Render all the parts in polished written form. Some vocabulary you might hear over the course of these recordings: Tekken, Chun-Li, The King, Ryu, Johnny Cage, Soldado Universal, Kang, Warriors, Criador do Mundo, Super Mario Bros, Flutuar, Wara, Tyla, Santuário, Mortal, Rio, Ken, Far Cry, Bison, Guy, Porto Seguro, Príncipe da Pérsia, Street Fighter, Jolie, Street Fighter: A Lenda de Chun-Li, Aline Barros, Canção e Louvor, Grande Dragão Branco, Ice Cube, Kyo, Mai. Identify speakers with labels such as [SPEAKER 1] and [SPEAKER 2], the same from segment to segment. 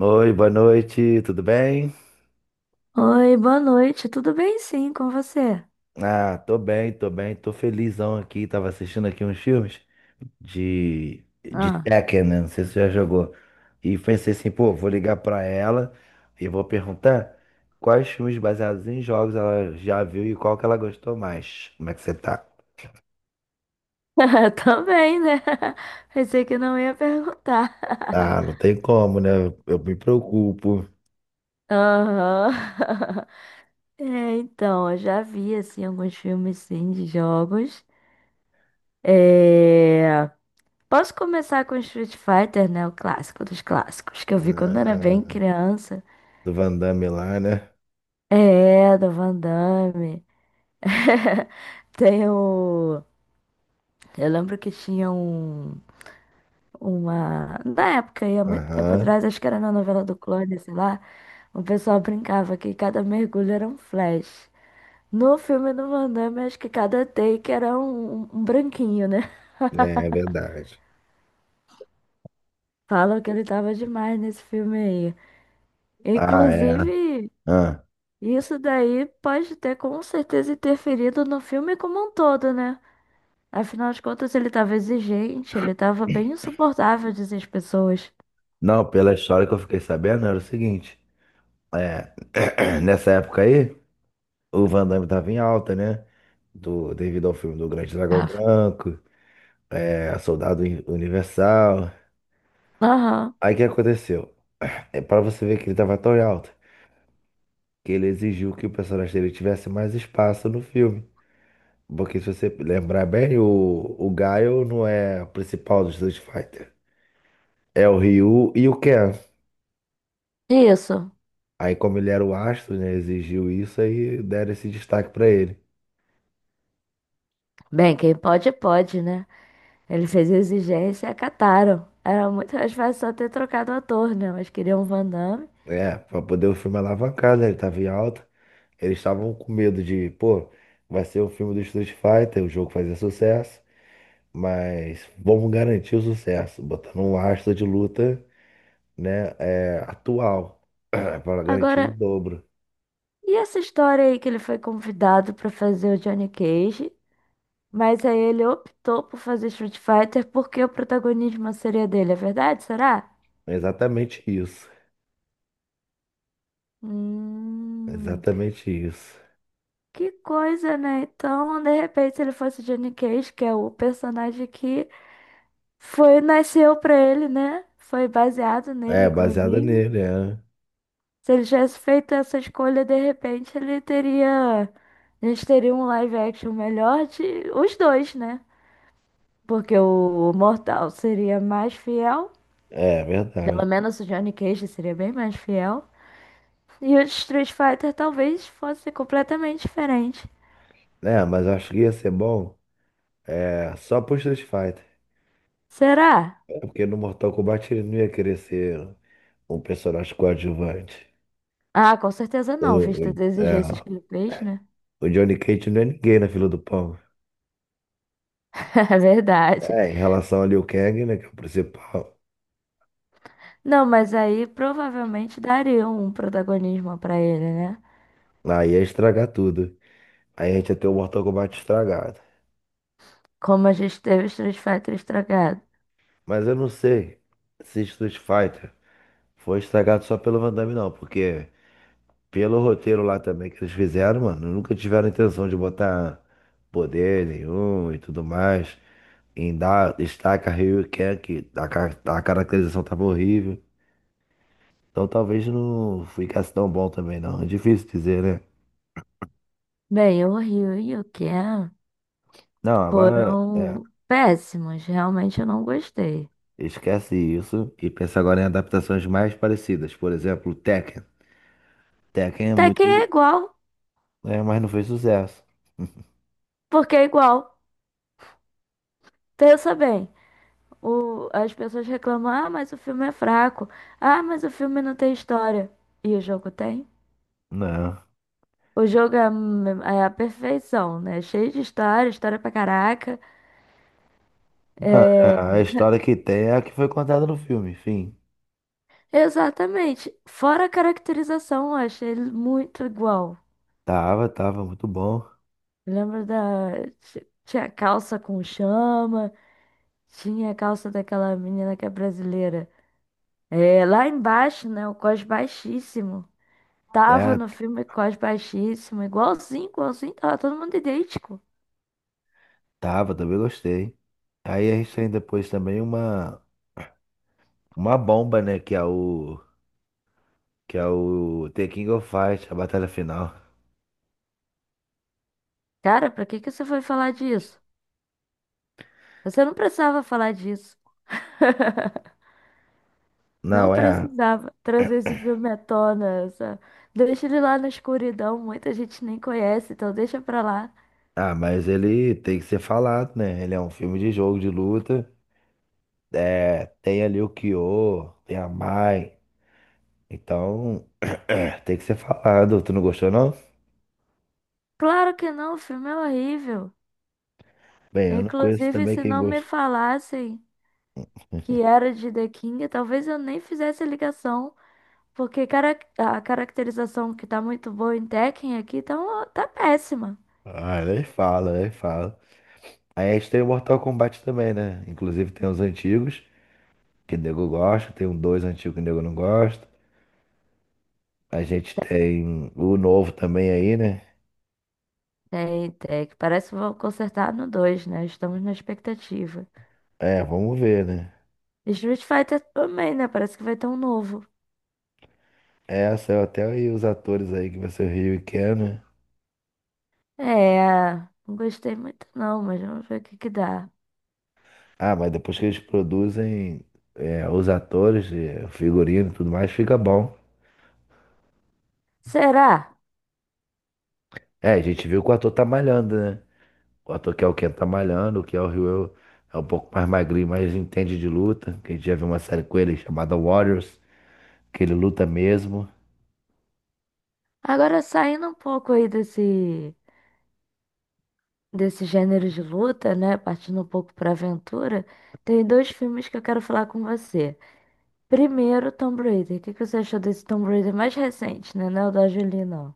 [SPEAKER 1] Oi, boa noite, tudo bem?
[SPEAKER 2] Oi, boa noite. Tudo bem, sim, com você?
[SPEAKER 1] Ah, tô bem, tô bem, tô felizão aqui. Tava assistindo aqui uns filmes de
[SPEAKER 2] Ah,
[SPEAKER 1] Tekken, né? Não sei se você já jogou. E pensei assim, pô, vou ligar pra ela e vou perguntar quais filmes baseados em jogos ela já viu e qual que ela gostou mais. Como é que você tá?
[SPEAKER 2] também, né? Pensei que não ia perguntar.
[SPEAKER 1] Ah, não tem como, né? Eu me preocupo.
[SPEAKER 2] Aham. É, então, eu já vi, assim, alguns filmes, sim, de jogos. É... Posso começar com Street Fighter, né? O clássico dos clássicos, que eu vi quando era bem
[SPEAKER 1] Ah,
[SPEAKER 2] criança.
[SPEAKER 1] do Van Damme lá, né?
[SPEAKER 2] É, do Van Damme. Tem o... Eu lembro que tinha uma. Na época, aí há muito tempo
[SPEAKER 1] Aham,
[SPEAKER 2] atrás, acho que era na novela do Clone, sei lá, o pessoal brincava que cada mergulho era um flash. No filme do Van Damme, acho que cada take era um branquinho, né?
[SPEAKER 1] é, é verdade.
[SPEAKER 2] Falam que ele tava demais nesse filme aí.
[SPEAKER 1] Ah, é.
[SPEAKER 2] Inclusive,
[SPEAKER 1] Ah.
[SPEAKER 2] isso daí pode ter com certeza interferido no filme como um todo, né? Afinal de contas, ele tava exigente, ele tava bem insuportável, dizem as pessoas.
[SPEAKER 1] Não, pela história que eu fiquei sabendo era o seguinte, é, nessa época aí, o Van Damme tava em alta, né? Devido ao filme do Grande Dragão
[SPEAKER 2] Tava.
[SPEAKER 1] Branco, é, Soldado Universal.
[SPEAKER 2] Aham,
[SPEAKER 1] Aí o que aconteceu? É para você ver que ele tava tão em alta, que ele exigiu que o personagem dele tivesse mais espaço no filme. Porque se você lembrar bem, o Gaio não é o principal do Street Fighter. É o Ryu e o Ken.
[SPEAKER 2] isso.
[SPEAKER 1] Aí como ele era o astro, né, exigiu isso, aí deram esse destaque pra ele.
[SPEAKER 2] Bem, quem pode, pode, né? Ele fez a exigência e acataram. Era muito mais fácil só ter trocado o ator, né? Mas queriam o Van Damme.
[SPEAKER 1] É, pra poder o filme alavancar, né? Ele tava em alta. Eles estavam com medo de, pô, vai ser o filme do Street Fighter, o jogo fazer sucesso, mas vamos garantir o sucesso, botando um astro de luta, né, é, atual, para garantir
[SPEAKER 2] Agora,
[SPEAKER 1] em dobro.
[SPEAKER 2] e essa história aí que ele foi convidado pra fazer o Johnny Cage, mas aí ele optou por fazer Street Fighter porque o protagonismo seria dele, é verdade? Será?
[SPEAKER 1] É exatamente isso. É
[SPEAKER 2] Hum,
[SPEAKER 1] exatamente isso.
[SPEAKER 2] que coisa, né? Então, de repente, se ele fosse Johnny Cage, que é o personagem que foi, nasceu pra ele, né? Foi baseado nele,
[SPEAKER 1] É, baseada
[SPEAKER 2] inclusive.
[SPEAKER 1] nele, é.
[SPEAKER 2] Se ele tivesse feito essa escolha, de repente ele teria. A gente teria um live action melhor de os dois, né? Porque o Mortal seria mais fiel.
[SPEAKER 1] É, é
[SPEAKER 2] Pelo
[SPEAKER 1] verdade.
[SPEAKER 2] menos o Johnny Cage seria bem mais fiel. E o Street Fighter talvez fosse completamente diferente.
[SPEAKER 1] É, mas eu acho que ia ser bom é, só pro Street Fighter.
[SPEAKER 2] Será?
[SPEAKER 1] É, porque no Mortal Kombat ele não ia querer ser um personagem coadjuvante.
[SPEAKER 2] Ah, com certeza
[SPEAKER 1] O,
[SPEAKER 2] não,
[SPEAKER 1] o,
[SPEAKER 2] visto as exigências
[SPEAKER 1] é,
[SPEAKER 2] que ele fez, né?
[SPEAKER 1] o Johnny Cage não é ninguém na fila do pão.
[SPEAKER 2] É verdade.
[SPEAKER 1] É, em relação ali ao Kang, né, que é o principal.
[SPEAKER 2] Não, mas aí provavelmente daria um protagonismo pra ele, né?
[SPEAKER 1] Aí ia estragar tudo. Aí a gente ia ter o Mortal Kombat estragado.
[SPEAKER 2] Como a gente teve o Street Fighter estragado.
[SPEAKER 1] Mas eu não sei se Street Fighter foi estragado só pelo Van Damme, não. Porque pelo roteiro lá também que eles fizeram, mano, nunca tiveram intenção de botar poder nenhum e tudo mais. Em dar destaque a Ryu e Ken, que a caracterização tava horrível. Então talvez não ficasse tão bom também, não. É difícil dizer, né?
[SPEAKER 2] Bem, o Rio e o Ken
[SPEAKER 1] Não, agora é,
[SPEAKER 2] foram péssimos. Realmente eu não gostei.
[SPEAKER 1] esquece isso e pensa agora em adaptações mais parecidas. Por exemplo, Tekken. Tekken é
[SPEAKER 2] Até que é
[SPEAKER 1] muito,
[SPEAKER 2] igual,
[SPEAKER 1] é, mas não fez sucesso.
[SPEAKER 2] porque é igual. Pensa bem. As pessoas reclamam, ah, mas o filme é fraco. Ah, mas o filme não tem história. E o jogo tem?
[SPEAKER 1] Não.
[SPEAKER 2] O jogo é a perfeição, né? Cheio de história, história pra caraca.
[SPEAKER 1] Não, é, a história que tem é a que foi contada no filme, enfim.
[SPEAKER 2] Exatamente. Fora a caracterização, eu achei ele muito igual.
[SPEAKER 1] Tava muito bom.
[SPEAKER 2] Lembra da. Tinha calça com chama. Tinha a calça daquela menina que é brasileira. É, lá embaixo, né? O cós baixíssimo. Tava
[SPEAKER 1] É,
[SPEAKER 2] no filme cós baixíssimo. Igualzinho, igualzinho. Tava todo mundo idêntico.
[SPEAKER 1] tava, também gostei. Aí a gente tem depois também uma bomba, né, que é o The King of Fight, a batalha final.
[SPEAKER 2] Cara, pra que que você foi falar disso? Você não precisava falar disso. Não
[SPEAKER 1] Não, é.
[SPEAKER 2] precisava trazer esse filme à tona. Deixa ele lá na escuridão. Muita gente nem conhece, então deixa pra lá.
[SPEAKER 1] Ah, mas ele tem que ser falado, né? Ele é um filme de jogo de luta. É, tem ali o Kyo, tem a Mai. Então, é, tem que ser falado. Tu não gostou, não?
[SPEAKER 2] Claro que não, o filme é horrível.
[SPEAKER 1] Bem, eu não conheço
[SPEAKER 2] Inclusive,
[SPEAKER 1] também
[SPEAKER 2] se
[SPEAKER 1] quem
[SPEAKER 2] não me
[SPEAKER 1] gosta.
[SPEAKER 2] falassem que era de The King, talvez eu nem fizesse a ligação, porque a caracterização que tá muito boa em Tekken aqui tá, tá péssima.
[SPEAKER 1] Ah, nem fala, nem fala. Aí a gente tem o Mortal Kombat também, né? Inclusive tem os antigos, que o nego gosta, tem um dois antigo que o nego não gosta. A gente tem o novo também aí, né?
[SPEAKER 2] É, em Tekken, parece que vão consertar no 2 né? Estamos na expectativa.
[SPEAKER 1] É, vamos ver, né?
[SPEAKER 2] E Street Fighter também, né? Parece que vai ter um novo.
[SPEAKER 1] É, saiu até aí os atores aí que vai ser o Ryu e Ken, né?
[SPEAKER 2] É, não gostei muito não, mas vamos ver o que que dá.
[SPEAKER 1] Ah, mas depois que eles produzem é, os atores, é, o figurino e tudo mais, fica bom.
[SPEAKER 2] Será?
[SPEAKER 1] É, a gente viu que o ator tá malhando, né? O ator que é o Ken tá malhando, o que é o Ryu é um pouco mais magrinho, mas entende de luta. Que a gente já viu uma série com ele chamada Warriors, que ele luta mesmo.
[SPEAKER 2] Agora saindo um pouco aí desse gênero de luta, né? Partindo um pouco pra aventura, tem dois filmes que eu quero falar com você. Primeiro, Tomb Raider. O que que você achou desse Tomb Raider mais recente, né? Não é o da Jolie, não.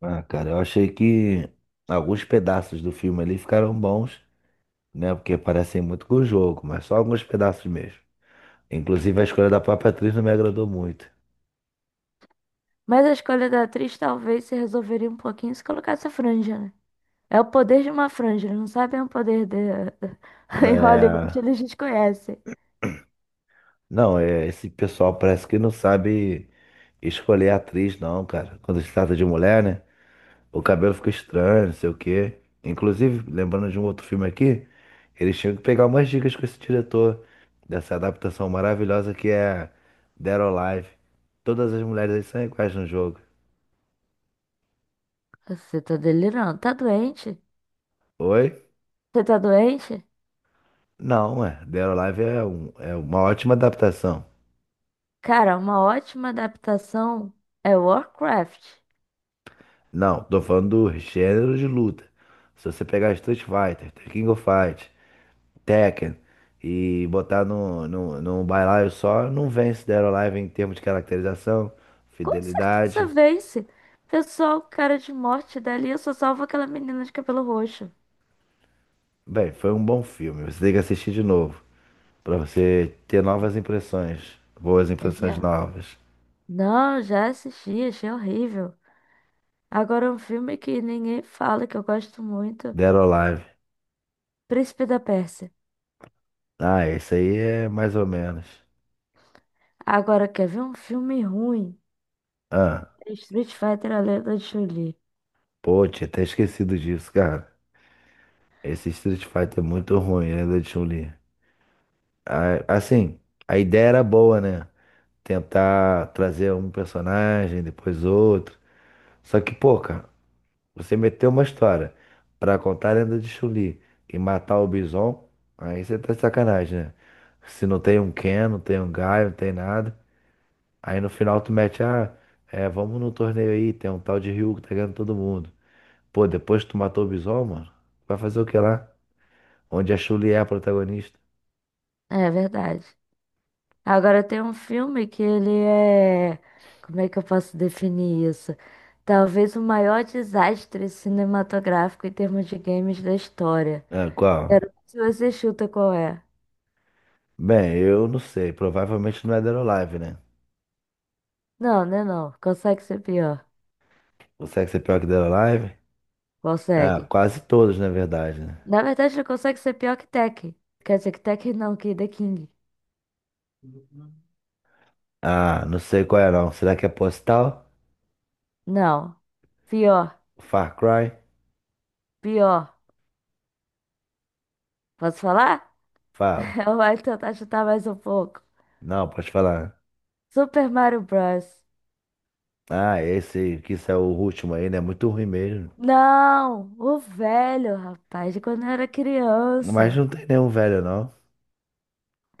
[SPEAKER 1] Ah, cara, eu achei que alguns pedaços do filme ali ficaram bons, né? Porque parecem muito com o jogo, mas só alguns pedaços mesmo. Inclusive a escolha da própria atriz não me agradou muito.
[SPEAKER 2] Mas a escolha da atriz talvez se resolveria um pouquinho se colocasse a franja, né? É o poder de uma franja, eles não sabem o poder de. Em Hollywood
[SPEAKER 1] É.
[SPEAKER 2] eles desconhecem.
[SPEAKER 1] Não, é, esse pessoal parece que não sabe escolher atriz, não, cara. Quando se trata de mulher, né? O cabelo fica estranho, não sei o quê. Inclusive, lembrando de um outro filme aqui, eles tinham que pegar umas dicas com esse diretor dessa adaptação maravilhosa que é Dead or Alive. Todas as mulheres aí são iguais no jogo.
[SPEAKER 2] Você tá delirando. Tá doente?
[SPEAKER 1] Oi?
[SPEAKER 2] Você tá doente?
[SPEAKER 1] Não, é. Dead or Alive é, um- é uma ótima adaptação.
[SPEAKER 2] Cara, uma ótima adaptação é Warcraft.
[SPEAKER 1] Não, tô falando do gênero de luta. Se você pegar Street Fighter, The King of Fight, Tekken e botar num bailaio só, não vence Dead or Alive em termos de caracterização,
[SPEAKER 2] Com certeza
[SPEAKER 1] fidelidade.
[SPEAKER 2] vence. Pessoal, cara de morte dali, eu só salvo aquela menina de cabelo roxo.
[SPEAKER 1] Bem, foi um bom filme. Você tem que assistir de novo pra você ter novas impressões, boas impressões novas.
[SPEAKER 2] Não, já assisti, achei horrível. Agora um filme que ninguém fala, que eu gosto muito,
[SPEAKER 1] Dead or Alive.
[SPEAKER 2] Príncipe da Pérsia.
[SPEAKER 1] Ah, esse aí é mais ou menos.
[SPEAKER 2] Agora quer ver um filme ruim?
[SPEAKER 1] Ah,
[SPEAKER 2] É Street Fighter, A Lenda de Chun-Li.
[SPEAKER 1] pô, tinha até esquecido disso, cara. Esse Street Fighter é muito ruim, ainda de Chun-Li. Assim, a ideia era boa, né? Tentar trazer um personagem, depois outro. Só que, pô, cara, você meteu uma história pra contar a lenda de Chun-Li e matar o Bison, aí você tá de sacanagem, né? Se não tem um Ken, não tem um Guy, não tem nada. Aí no final tu mete, ah, é, vamos no torneio aí, tem um tal de Ryu que tá ganhando todo mundo. Pô, depois que tu matou o Bison, mano, vai fazer o que lá? Onde a Chun-Li é a protagonista?
[SPEAKER 2] É verdade. Agora tem um filme que ele é. Como é que eu posso definir isso? Talvez o maior desastre cinematográfico em termos de games da história.
[SPEAKER 1] Ah, qual?
[SPEAKER 2] Quero ver se você chuta qual é.
[SPEAKER 1] Bem, eu não sei. Provavelmente não é Dead or Alive, né?
[SPEAKER 2] Não, né não. Consegue ser pior.
[SPEAKER 1] Consegue ser pior que Dead or Alive? Ah,
[SPEAKER 2] Consegue.
[SPEAKER 1] quase todos, na verdade, né?
[SPEAKER 2] Na verdade, ele consegue ser pior que Tekken. Quer dizer, que Tekken não, que The King.
[SPEAKER 1] Ah, não sei qual é não. Será que é Postal?
[SPEAKER 2] Não. Pior,
[SPEAKER 1] Far Cry?
[SPEAKER 2] pior. Posso falar?
[SPEAKER 1] Fala.
[SPEAKER 2] Eu vou tentar chutar mais um pouco.
[SPEAKER 1] Não, pode falar.
[SPEAKER 2] Super Mario Bros.
[SPEAKER 1] Ah, esse que isso é o último aí, né? Muito ruim mesmo.
[SPEAKER 2] Não, o velho, rapaz, de quando eu era
[SPEAKER 1] Mas
[SPEAKER 2] criança.
[SPEAKER 1] não tem nenhum velho, não.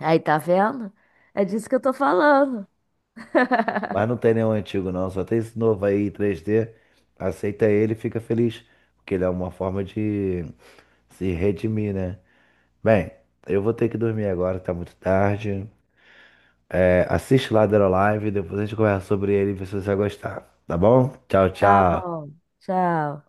[SPEAKER 2] Aí, tá vendo? É disso que eu tô falando.
[SPEAKER 1] Mas não tem nenhum antigo, não. Só tem esse novo aí, 3D. Aceita ele e fica feliz. Porque ele é uma forma de se redimir, né? Bem, eu vou ter que dormir agora, tá muito tarde. É, assiste lá Live, depois a gente conversa sobre ele e vê se você vai gostar. Tá bom? Tchau,
[SPEAKER 2] Tá
[SPEAKER 1] tchau.
[SPEAKER 2] bom, tchau.